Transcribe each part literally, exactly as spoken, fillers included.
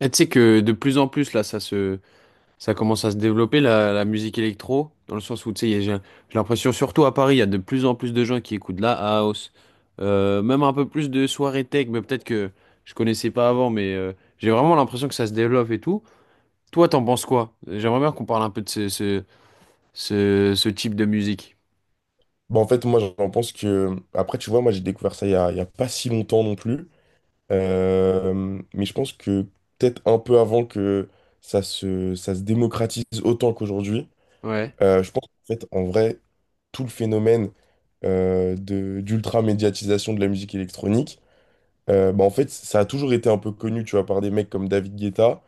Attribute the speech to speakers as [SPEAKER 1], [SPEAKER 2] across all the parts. [SPEAKER 1] Et tu sais que de plus en plus, là, ça se, ça commence à se développer, la, la musique électro, dans le sens où, tu sais, il y a- j'ai j'ai l'impression, surtout à Paris, il y a de plus en plus de gens qui écoutent de la house, euh, même un peu plus de soirée tech, mais peut-être que je connaissais pas avant, mais euh, j'ai vraiment l'impression que ça se développe et tout. Toi, t'en penses quoi? J'aimerais bien qu'on parle un peu de ce, ce, ce, ce type de musique.
[SPEAKER 2] Bah, en fait, moi, j'en pense que… Après, tu vois, moi, j'ai découvert ça il y a, il y a pas si longtemps non plus. Euh, mais je pense que peut-être un peu avant que ça se, ça se démocratise autant qu'aujourd'hui.
[SPEAKER 1] Ouais,
[SPEAKER 2] Euh, je pense qu'en fait, en vrai, tout le phénomène euh, de, d'ultra-médiatisation de la musique électronique. Euh, bah, en fait, ça a toujours été un peu connu, tu vois, par des mecs comme David Guetta.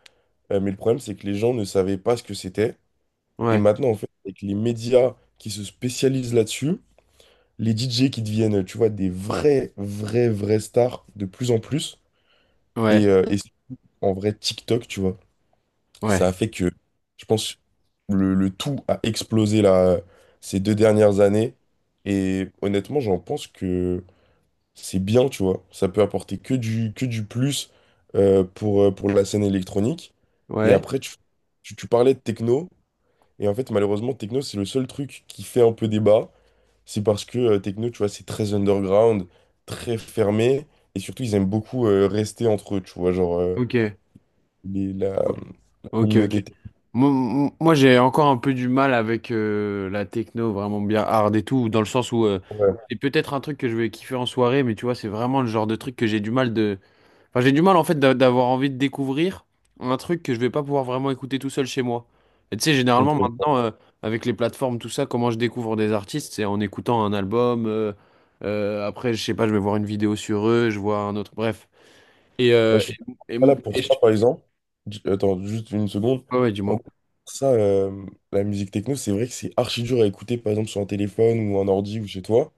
[SPEAKER 2] Euh, mais le problème, c'est que les gens ne savaient pas ce que c'était. Et
[SPEAKER 1] ouais,
[SPEAKER 2] maintenant, en fait, avec les médias qui se spécialisent là-dessus, les D J qui deviennent, tu vois, des vrais, vrais, vrais stars de plus en plus.
[SPEAKER 1] ouais,
[SPEAKER 2] Et, euh, et en vrai, TikTok, tu vois,
[SPEAKER 1] ouais,
[SPEAKER 2] ça a fait que, je pense, le, le tout a explosé là, ces deux dernières années. Et honnêtement, j'en pense que c'est bien, tu vois. Ça peut apporter que du, que du plus, euh, pour, euh, pour la scène électronique. Et
[SPEAKER 1] ouais.
[SPEAKER 2] après, tu, tu, tu parlais de techno. Et en fait, malheureusement, techno, c'est le seul truc qui fait un peu débat. C'est parce que euh, techno, tu vois, c'est très underground, très fermé, et surtout, ils aiment beaucoup euh, rester entre eux, tu vois, genre euh,
[SPEAKER 1] Ok.
[SPEAKER 2] les- la, la
[SPEAKER 1] Ok, ok.
[SPEAKER 2] communauté techno.
[SPEAKER 1] Moi, moi, j'ai encore un peu du mal avec euh, la techno vraiment bien hard et tout, dans le sens où euh,
[SPEAKER 2] Ouais,
[SPEAKER 1] c'est peut-être un truc que je vais kiffer en soirée, mais tu vois, c'est vraiment le genre de truc que j'ai du mal de... Enfin, j'ai du mal en fait d'a- d'avoir envie de découvrir un truc que je vais pas pouvoir vraiment écouter tout seul chez moi. Et tu sais, généralement
[SPEAKER 2] ok.
[SPEAKER 1] maintenant, euh, avec les plateformes, tout ça, comment je découvre des artistes, c'est en écoutant un album, euh, euh, après, je sais pas, je vais voir une vidéo sur eux, je vois un autre, bref. Et,
[SPEAKER 2] Ouais,
[SPEAKER 1] euh,
[SPEAKER 2] je suis
[SPEAKER 1] et,
[SPEAKER 2] pas
[SPEAKER 1] et,
[SPEAKER 2] là pour
[SPEAKER 1] et
[SPEAKER 2] ça,
[SPEAKER 1] je-
[SPEAKER 2] par exemple. J- Attends, juste une seconde.
[SPEAKER 1] ouais, ouais,
[SPEAKER 2] En
[SPEAKER 1] dis-moi.
[SPEAKER 2] gros, ça, euh, la musique techno, c'est vrai que c'est archi dur à écouter, par exemple, sur un téléphone ou un ordi ou chez toi,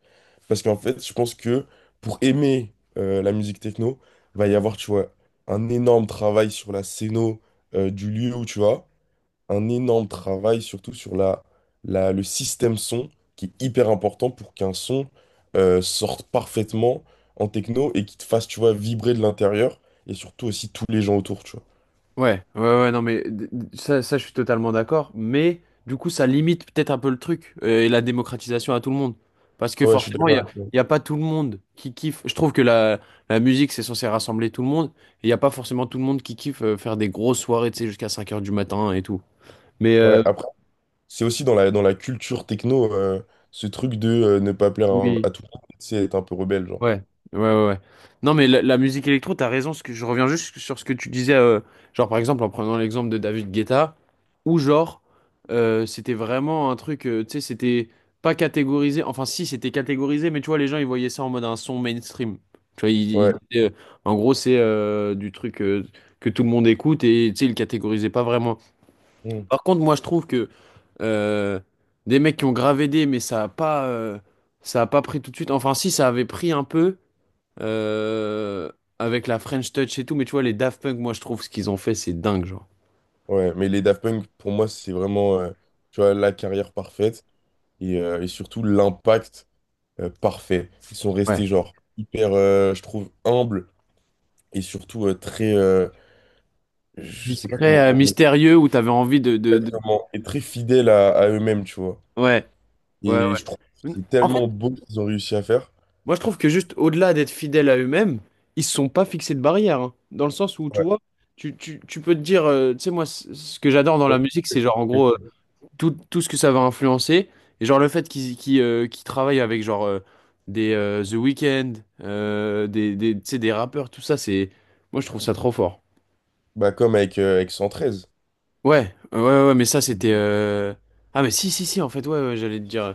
[SPEAKER 2] parce qu'en fait, je pense que pour aimer euh, la musique techno, va y avoir, tu vois, un énorme travail sur la scéno euh, du lieu où tu vas. Un énorme travail, surtout sur la, la- le système son, qui est hyper important pour qu'un son euh, sorte parfaitement en techno et qui te fasse, tu vois, vibrer de l'intérieur et surtout aussi tous les gens autour, tu
[SPEAKER 1] Ouais, ouais, ouais, non, mais d- d- ça, ça, je suis totalement d'accord. Mais du coup, ça limite peut-être un peu le truc euh, et la démocratisation à tout le monde. Parce que
[SPEAKER 2] vois. Ouais, je suis
[SPEAKER 1] forcément, il
[SPEAKER 2] d'accord.
[SPEAKER 1] n'y a, il y a pas tout le monde qui kiffe. Je trouve que la, la musique, c'est censé rassembler tout le monde. Et il n'y a pas forcément tout le monde qui kiffe euh, faire des grosses soirées, tu sais, jusqu'à cinq heures du matin et tout. Mais
[SPEAKER 2] Ouais,
[SPEAKER 1] euh,
[SPEAKER 2] après, c'est aussi dans la, dans la culture techno, euh, ce truc de euh, ne pas plaire à,
[SPEAKER 1] oui.
[SPEAKER 2] à tout le monde, c'est être un peu rebelle, genre.
[SPEAKER 1] Ouais, ouais, ouais, ouais. Non, mais la, la musique électro, t'as raison. Ce que, je reviens juste sur ce que tu disais, euh, genre par exemple en prenant l'exemple de David Guetta, où genre euh, c'était vraiment un truc, euh, tu sais, c'était pas catégorisé. Enfin, si, c'était catégorisé, mais tu vois, les gens ils voyaient ça en mode un son mainstream. Tu vois, ils, ils
[SPEAKER 2] Ouais.
[SPEAKER 1] disaient, euh, en gros, c'est euh, du truc euh, que tout le monde écoute et tu sais, ils le catégorisaient pas vraiment.
[SPEAKER 2] Mm.
[SPEAKER 1] Par contre, moi, je trouve que euh, des mecs qui ont gravé des, mais ça a pas, euh, ça a pas pris tout de suite. Enfin, si, ça avait pris un peu euh, avec la French Touch et tout, mais tu vois, les Daft Punk, moi, je trouve ce qu'ils ont fait, c'est dingue, genre.
[SPEAKER 2] Ouais, mais les Daft Punk, pour moi, c'est vraiment, euh, tu vois, la carrière parfaite et, euh, et surtout l'impact euh, parfait. Ils sont
[SPEAKER 1] Ouais.
[SPEAKER 2] restés genre hyper, euh, je trouve, humbles et surtout euh, très, euh, je sais pas
[SPEAKER 1] Discret,
[SPEAKER 2] comment
[SPEAKER 1] euh,
[SPEAKER 2] dire, mais
[SPEAKER 1] mystérieux, où t'avais envie de, de,
[SPEAKER 2] très-
[SPEAKER 1] de-
[SPEAKER 2] comment- et très fidèles à, à eux-mêmes, tu vois.
[SPEAKER 1] Ouais, ouais,
[SPEAKER 2] Et je trouve que
[SPEAKER 1] ouais.
[SPEAKER 2] c'est
[SPEAKER 1] En fait,
[SPEAKER 2] tellement beau ce qu'ils ont réussi à faire.
[SPEAKER 1] moi, je trouve que juste au-delà d'être fidèles à eux-mêmes, ils se sont pas fixés de barrières, hein. Dans le sens où, tu
[SPEAKER 2] Ouais.
[SPEAKER 1] vois, tu, tu, tu peux te dire, euh, tu sais, moi, c- ce que j'adore dans
[SPEAKER 2] Ouais.
[SPEAKER 1] la musique, c'est genre, en gros, tout, tout ce que ça va influencer. Et genre le fait qu'ils qu'ils, euh, qu'ils travaillent avec genre euh, des euh, The Weeknd, euh, des, des, tu sais, des rappeurs, tout ça, c'est... Moi je trouve ça trop fort.
[SPEAKER 2] Bah, comme avec, euh, avec cent treize.
[SPEAKER 1] Ouais, ouais, ouais, ouais, mais ça c'était... euh, Ah mais si, si, si, en fait, ouais, ouais, j'allais te dire...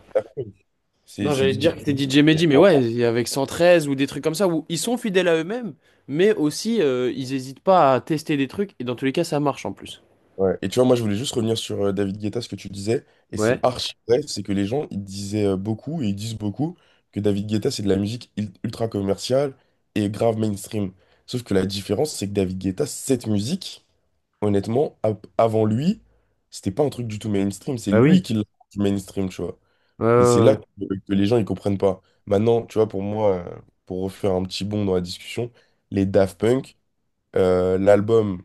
[SPEAKER 2] C'est
[SPEAKER 1] Non,
[SPEAKER 2] c'est
[SPEAKER 1] j'allais te
[SPEAKER 2] D J.
[SPEAKER 1] dire que c'était D J Mehdi, mais ouais, il y a avec cent treize ou des trucs comme ça, où ils sont fidèles à eux-mêmes, mais aussi euh, ils hésitent pas à tester des trucs, et dans tous les cas ça marche en plus.
[SPEAKER 2] Ouais. Et tu vois, moi, je voulais juste revenir sur euh, David Guetta, ce que tu disais, et c'est
[SPEAKER 1] Ouais,
[SPEAKER 2] archi vrai, c'est que les gens, ils disaient euh, beaucoup, et ils disent beaucoup, que David Guetta, c'est de la musique il- ultra commerciale et grave mainstream. Sauf que la différence, c'est que David Guetta, cette musique, honnêtement, a- avant lui, c'était pas un truc du tout mainstream, c'est
[SPEAKER 1] bah
[SPEAKER 2] lui
[SPEAKER 1] oui.
[SPEAKER 2] qui l'a rendu mainstream, tu vois. Et c'est là
[SPEAKER 1] Ouais,
[SPEAKER 2] que, euh, que les gens, ils comprennent pas. Maintenant, tu vois, pour moi, euh, pour refaire un petit bond dans la discussion, les Daft Punk, euh, l'album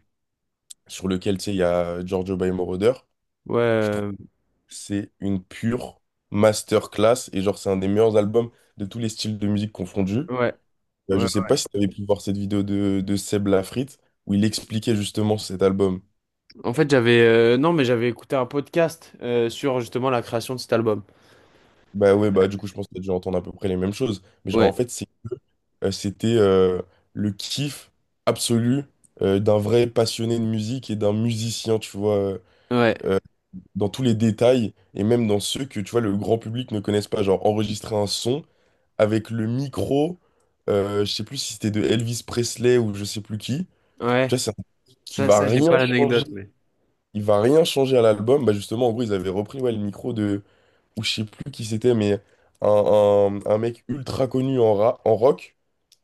[SPEAKER 2] sur lequel, tu sais, il y a Giorgio by Moroder,
[SPEAKER 1] ouais,
[SPEAKER 2] je trouve que
[SPEAKER 1] ouais.
[SPEAKER 2] c'est une pure masterclass et genre c'est un des meilleurs albums de tous les styles de musique confondus.
[SPEAKER 1] Ouais, euh,
[SPEAKER 2] Euh,
[SPEAKER 1] ouais,
[SPEAKER 2] je sais
[SPEAKER 1] ouais.
[SPEAKER 2] pas si tu avais pu voir cette vidéo de, de Seb Lafrite où il expliquait justement cet album.
[SPEAKER 1] En fait, j'avais euh, non, mais j'avais écouté un podcast euh, sur justement la création de cet album.
[SPEAKER 2] Bah ouais, bah du coup je pense que tu as dû entendre à peu près les mêmes choses. Mais genre
[SPEAKER 1] Ouais,
[SPEAKER 2] en fait c'est que euh, c'était euh, le kiff absolu, euh, d'un vrai passionné de musique et d'un musicien, tu vois, euh,
[SPEAKER 1] ouais,
[SPEAKER 2] euh, dans tous les détails et même dans ceux que tu vois le grand public ne connaisse pas, genre enregistrer un son avec le micro, euh, je sais plus si c'était de Elvis Presley ou je sais plus qui. Tu
[SPEAKER 1] ouais.
[SPEAKER 2] vois, c'est un truc qui
[SPEAKER 1] Ça,
[SPEAKER 2] va
[SPEAKER 1] ça, j'ai
[SPEAKER 2] rien
[SPEAKER 1] pas
[SPEAKER 2] changer.
[SPEAKER 1] l'anecdote, mais.
[SPEAKER 2] Il va rien changer à l'album. Bah justement, en gros, ils avaient repris, ouais, le micro de, ou je sais plus qui c'était, mais un, un- un mec ultra connu en, ra- en rock.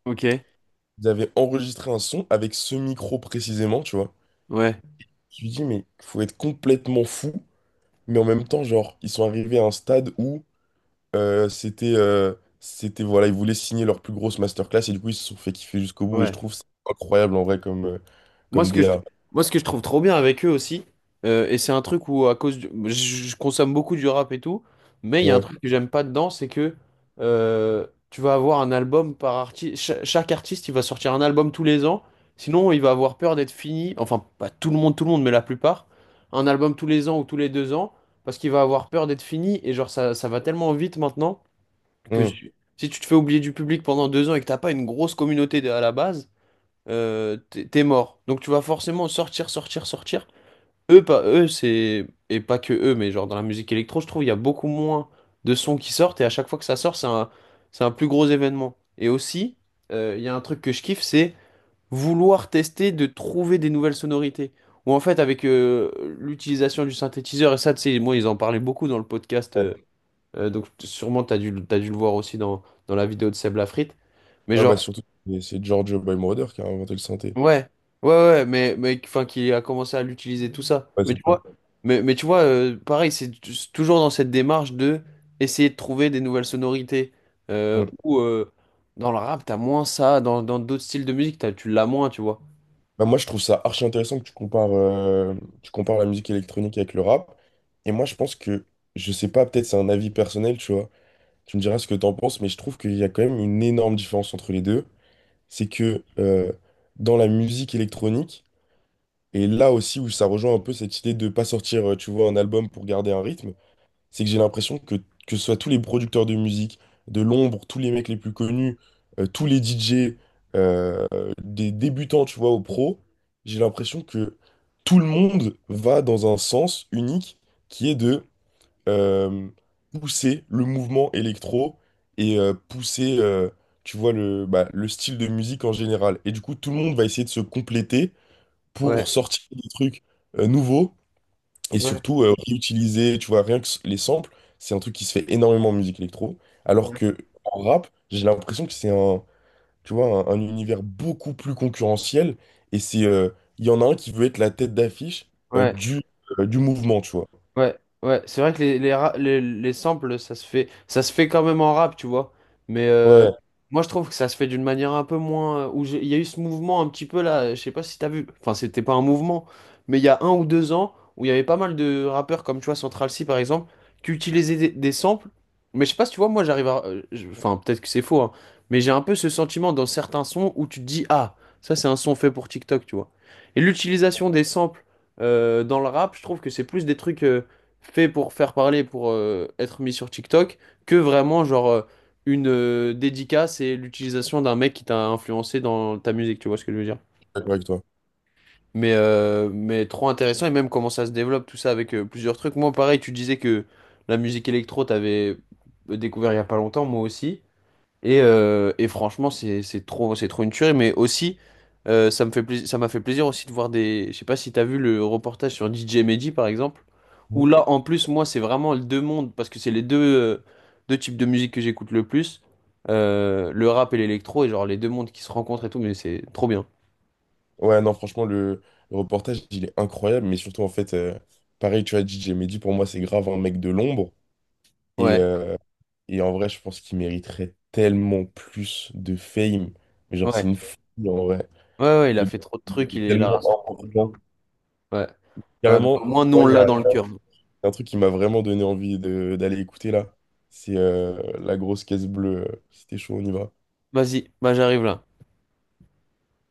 [SPEAKER 1] Ok,
[SPEAKER 2] Ils avaient enregistré un son avec ce micro précisément, tu vois.
[SPEAKER 1] ouais,
[SPEAKER 2] Je me dis, mais faut être complètement fou. Mais en même temps, genre, ils sont arrivés à un stade où Euh, c'était, euh, c'était, voilà, ils voulaient signer leur plus grosse masterclass et du coup, ils se sont fait kiffer jusqu'au bout. Et je
[SPEAKER 1] ouais.
[SPEAKER 2] trouve ça incroyable en vrai, comme, euh,
[SPEAKER 1] Moi,
[SPEAKER 2] comme
[SPEAKER 1] ce que je,
[SPEAKER 2] D A.
[SPEAKER 1] moi, ce que je trouve trop bien avec eux aussi, euh, et c'est un truc où, à cause du- je, je consomme beaucoup du rap et tout, mais il y a un
[SPEAKER 2] Ouais.
[SPEAKER 1] truc que j'aime pas dedans, c'est que euh, tu vas avoir un album par artiste. Chaque artiste, il va sortir un album tous les ans. Sinon, il va avoir peur d'être fini. Enfin, pas tout le monde, tout le monde, mais la plupart. Un album tous les ans ou tous les deux ans, parce qu'il va avoir peur d'être fini. Et genre, ça, ça va tellement vite maintenant que
[SPEAKER 2] Mm.
[SPEAKER 1] si si tu te fais oublier du public pendant deux ans et que t'as pas une grosse communauté à la base euh, t'es t'es mort. Donc tu vas forcément sortir, sortir, sortir. Eux, pas eux, c'est. Et pas que eux, mais genre dans la musique électro, je trouve il y a beaucoup moins de sons qui sortent et à chaque fois que ça sort, c'est un, c'est un plus gros événement. Et aussi, euh, il y a un truc que je kiffe, c'est vouloir tester de trouver des nouvelles sonorités. Ou en fait, avec euh, l'utilisation du synthétiseur, et ça, tu sais, moi, ils en parlaient beaucoup dans le podcast,
[SPEAKER 2] Ouais.
[SPEAKER 1] euh, euh, donc sûrement, t'as dû, t'as dû le voir aussi dans, dans la vidéo de Seb Lafrite. Mais
[SPEAKER 2] Ouais, bah,
[SPEAKER 1] genre,
[SPEAKER 2] surtout, c'est c'est George Boymorder qui a inventé le synthé.
[SPEAKER 1] ouais, ouais, ouais, mais, mais enfin, qui a commencé à l'utiliser, tout ça.
[SPEAKER 2] Ouais,
[SPEAKER 1] Mais
[SPEAKER 2] c'est
[SPEAKER 1] tu
[SPEAKER 2] ça.
[SPEAKER 1] vois, mais, mais tu vois euh, pareil, c'est t- c'est toujours dans cette démarche de essayer de trouver des nouvelles sonorités. Euh,
[SPEAKER 2] Mm.
[SPEAKER 1] ou euh, dans le rap, t'as moins ça, dans, dans d'autres styles de musique, t'as, tu l'as moins, tu vois.
[SPEAKER 2] Bah, moi, je trouve ça archi intéressant que tu compares, euh, tu compares la musique électronique avec le rap. Et moi, je pense que, je sais pas, peut-être c'est un avis personnel, tu vois. Tu me diras ce que t'en penses, mais je trouve qu'il y a quand même une énorme différence entre les deux. C'est que euh, dans la musique électronique, et là aussi où ça rejoint un peu cette idée de pas sortir, euh, tu vois, un album pour garder un rythme, c'est que j'ai l'impression que que ce soit tous les producteurs de musique, de l'ombre, tous les mecs les plus connus, euh, tous les D J, euh, des débutants, tu vois, aux pros, j'ai l'impression que tout le monde va dans un sens unique qui est de euh, pousser le mouvement électro et euh, pousser, euh, tu vois, le, bah, le style de musique en général. Et du coup, tout le monde va essayer de se compléter pour
[SPEAKER 1] Ouais,
[SPEAKER 2] sortir des trucs euh, nouveaux et
[SPEAKER 1] ouais,
[SPEAKER 2] surtout euh, réutiliser, tu vois, rien que s- les samples, c'est un truc qui se fait énormément en musique électro, alors que en rap, j'ai l'impression que c'est un, tu vois, un, un univers beaucoup plus concurrentiel et c'est, euh, il y en a un qui veut être la tête d'affiche euh,
[SPEAKER 1] ouais.
[SPEAKER 2] du, euh, du mouvement, tu vois.
[SPEAKER 1] Ouais, ouais, c'est vrai que les, les, ra- les, les samples, ça se fait, ça se fait quand même en rap, tu vois. Mais euh,
[SPEAKER 2] Ouais, je suis
[SPEAKER 1] moi, je trouve que ça se fait d'une manière un peu moins. Où j'ai- il y a eu ce mouvement un petit peu là, euh, je sais pas si t'as vu. Enfin, c'était pas un mouvement, mais il y a un ou deux ans où il y avait pas mal de rappeurs comme tu vois Central C par exemple qui utilisaient des, des samples. Mais je sais pas si tu vois, moi, j'arrive à. euh, je- Enfin, peut-être que c'est faux, hein, mais j'ai un peu ce sentiment dans certains sons où tu te dis, ah, ça c'est un son fait pour TikTok, tu vois. Et l'utilisation des samples euh, dans le rap, je trouve que c'est plus des trucs. Euh, fait pour faire parler, pour euh, être mis sur TikTok, que vraiment genre euh, une euh, dédicace et l'utilisation d'un mec qui t'a influencé dans ta musique, tu vois ce que je veux dire.
[SPEAKER 2] d'accord avec toi.
[SPEAKER 1] Mais, euh, mais trop intéressant et même comment ça se développe tout ça avec euh, plusieurs trucs. Moi pareil, tu disais que la musique électro, t'avais euh, découvert il y a pas longtemps, moi aussi. Et, euh, et franchement, c'est c'est trop, c'est trop une tuerie. Mais aussi, euh, ça me fait plaisir, ça m'a fait plaisir aussi de voir des. Je sais pas si t'as vu le reportage sur D J Mehdi, par exemple, où
[SPEAKER 2] Mhm.
[SPEAKER 1] là, en plus, moi, c'est vraiment les deux mondes, parce que c'est les deux, euh, deux types de musique que j'écoute le plus, euh, le rap et l'électro, et genre les deux mondes qui se rencontrent et tout, mais c'est trop bien.
[SPEAKER 2] Ouais, non, franchement, le, le reportage, il est incroyable, mais surtout, en fait, euh, pareil, tu as dit, j'ai dit, pour moi, c'est grave un mec de l'ombre. Et,
[SPEAKER 1] Ouais,
[SPEAKER 2] euh, Et en vrai, je pense qu'il mériterait tellement plus de fame. Mais genre, c'est
[SPEAKER 1] ouais,
[SPEAKER 2] une folie en vrai.
[SPEAKER 1] ouais, ouais, il
[SPEAKER 2] Le
[SPEAKER 1] a
[SPEAKER 2] gars
[SPEAKER 1] fait trop de trucs, il
[SPEAKER 2] est
[SPEAKER 1] est
[SPEAKER 2] tellement
[SPEAKER 1] là.
[SPEAKER 2] important.
[SPEAKER 1] Ouais, ouais, bah, au
[SPEAKER 2] Carrément,
[SPEAKER 1] moins, nous,
[SPEAKER 2] moi,
[SPEAKER 1] on
[SPEAKER 2] il y
[SPEAKER 1] l'a
[SPEAKER 2] a
[SPEAKER 1] dans le cœur.
[SPEAKER 2] un truc qui m'a vraiment donné envie de d'aller écouter là. C'est euh, La Grosse Caisse Bleue. C'était chaud, on y va.
[SPEAKER 1] Vas-y, bah, j'arrive là.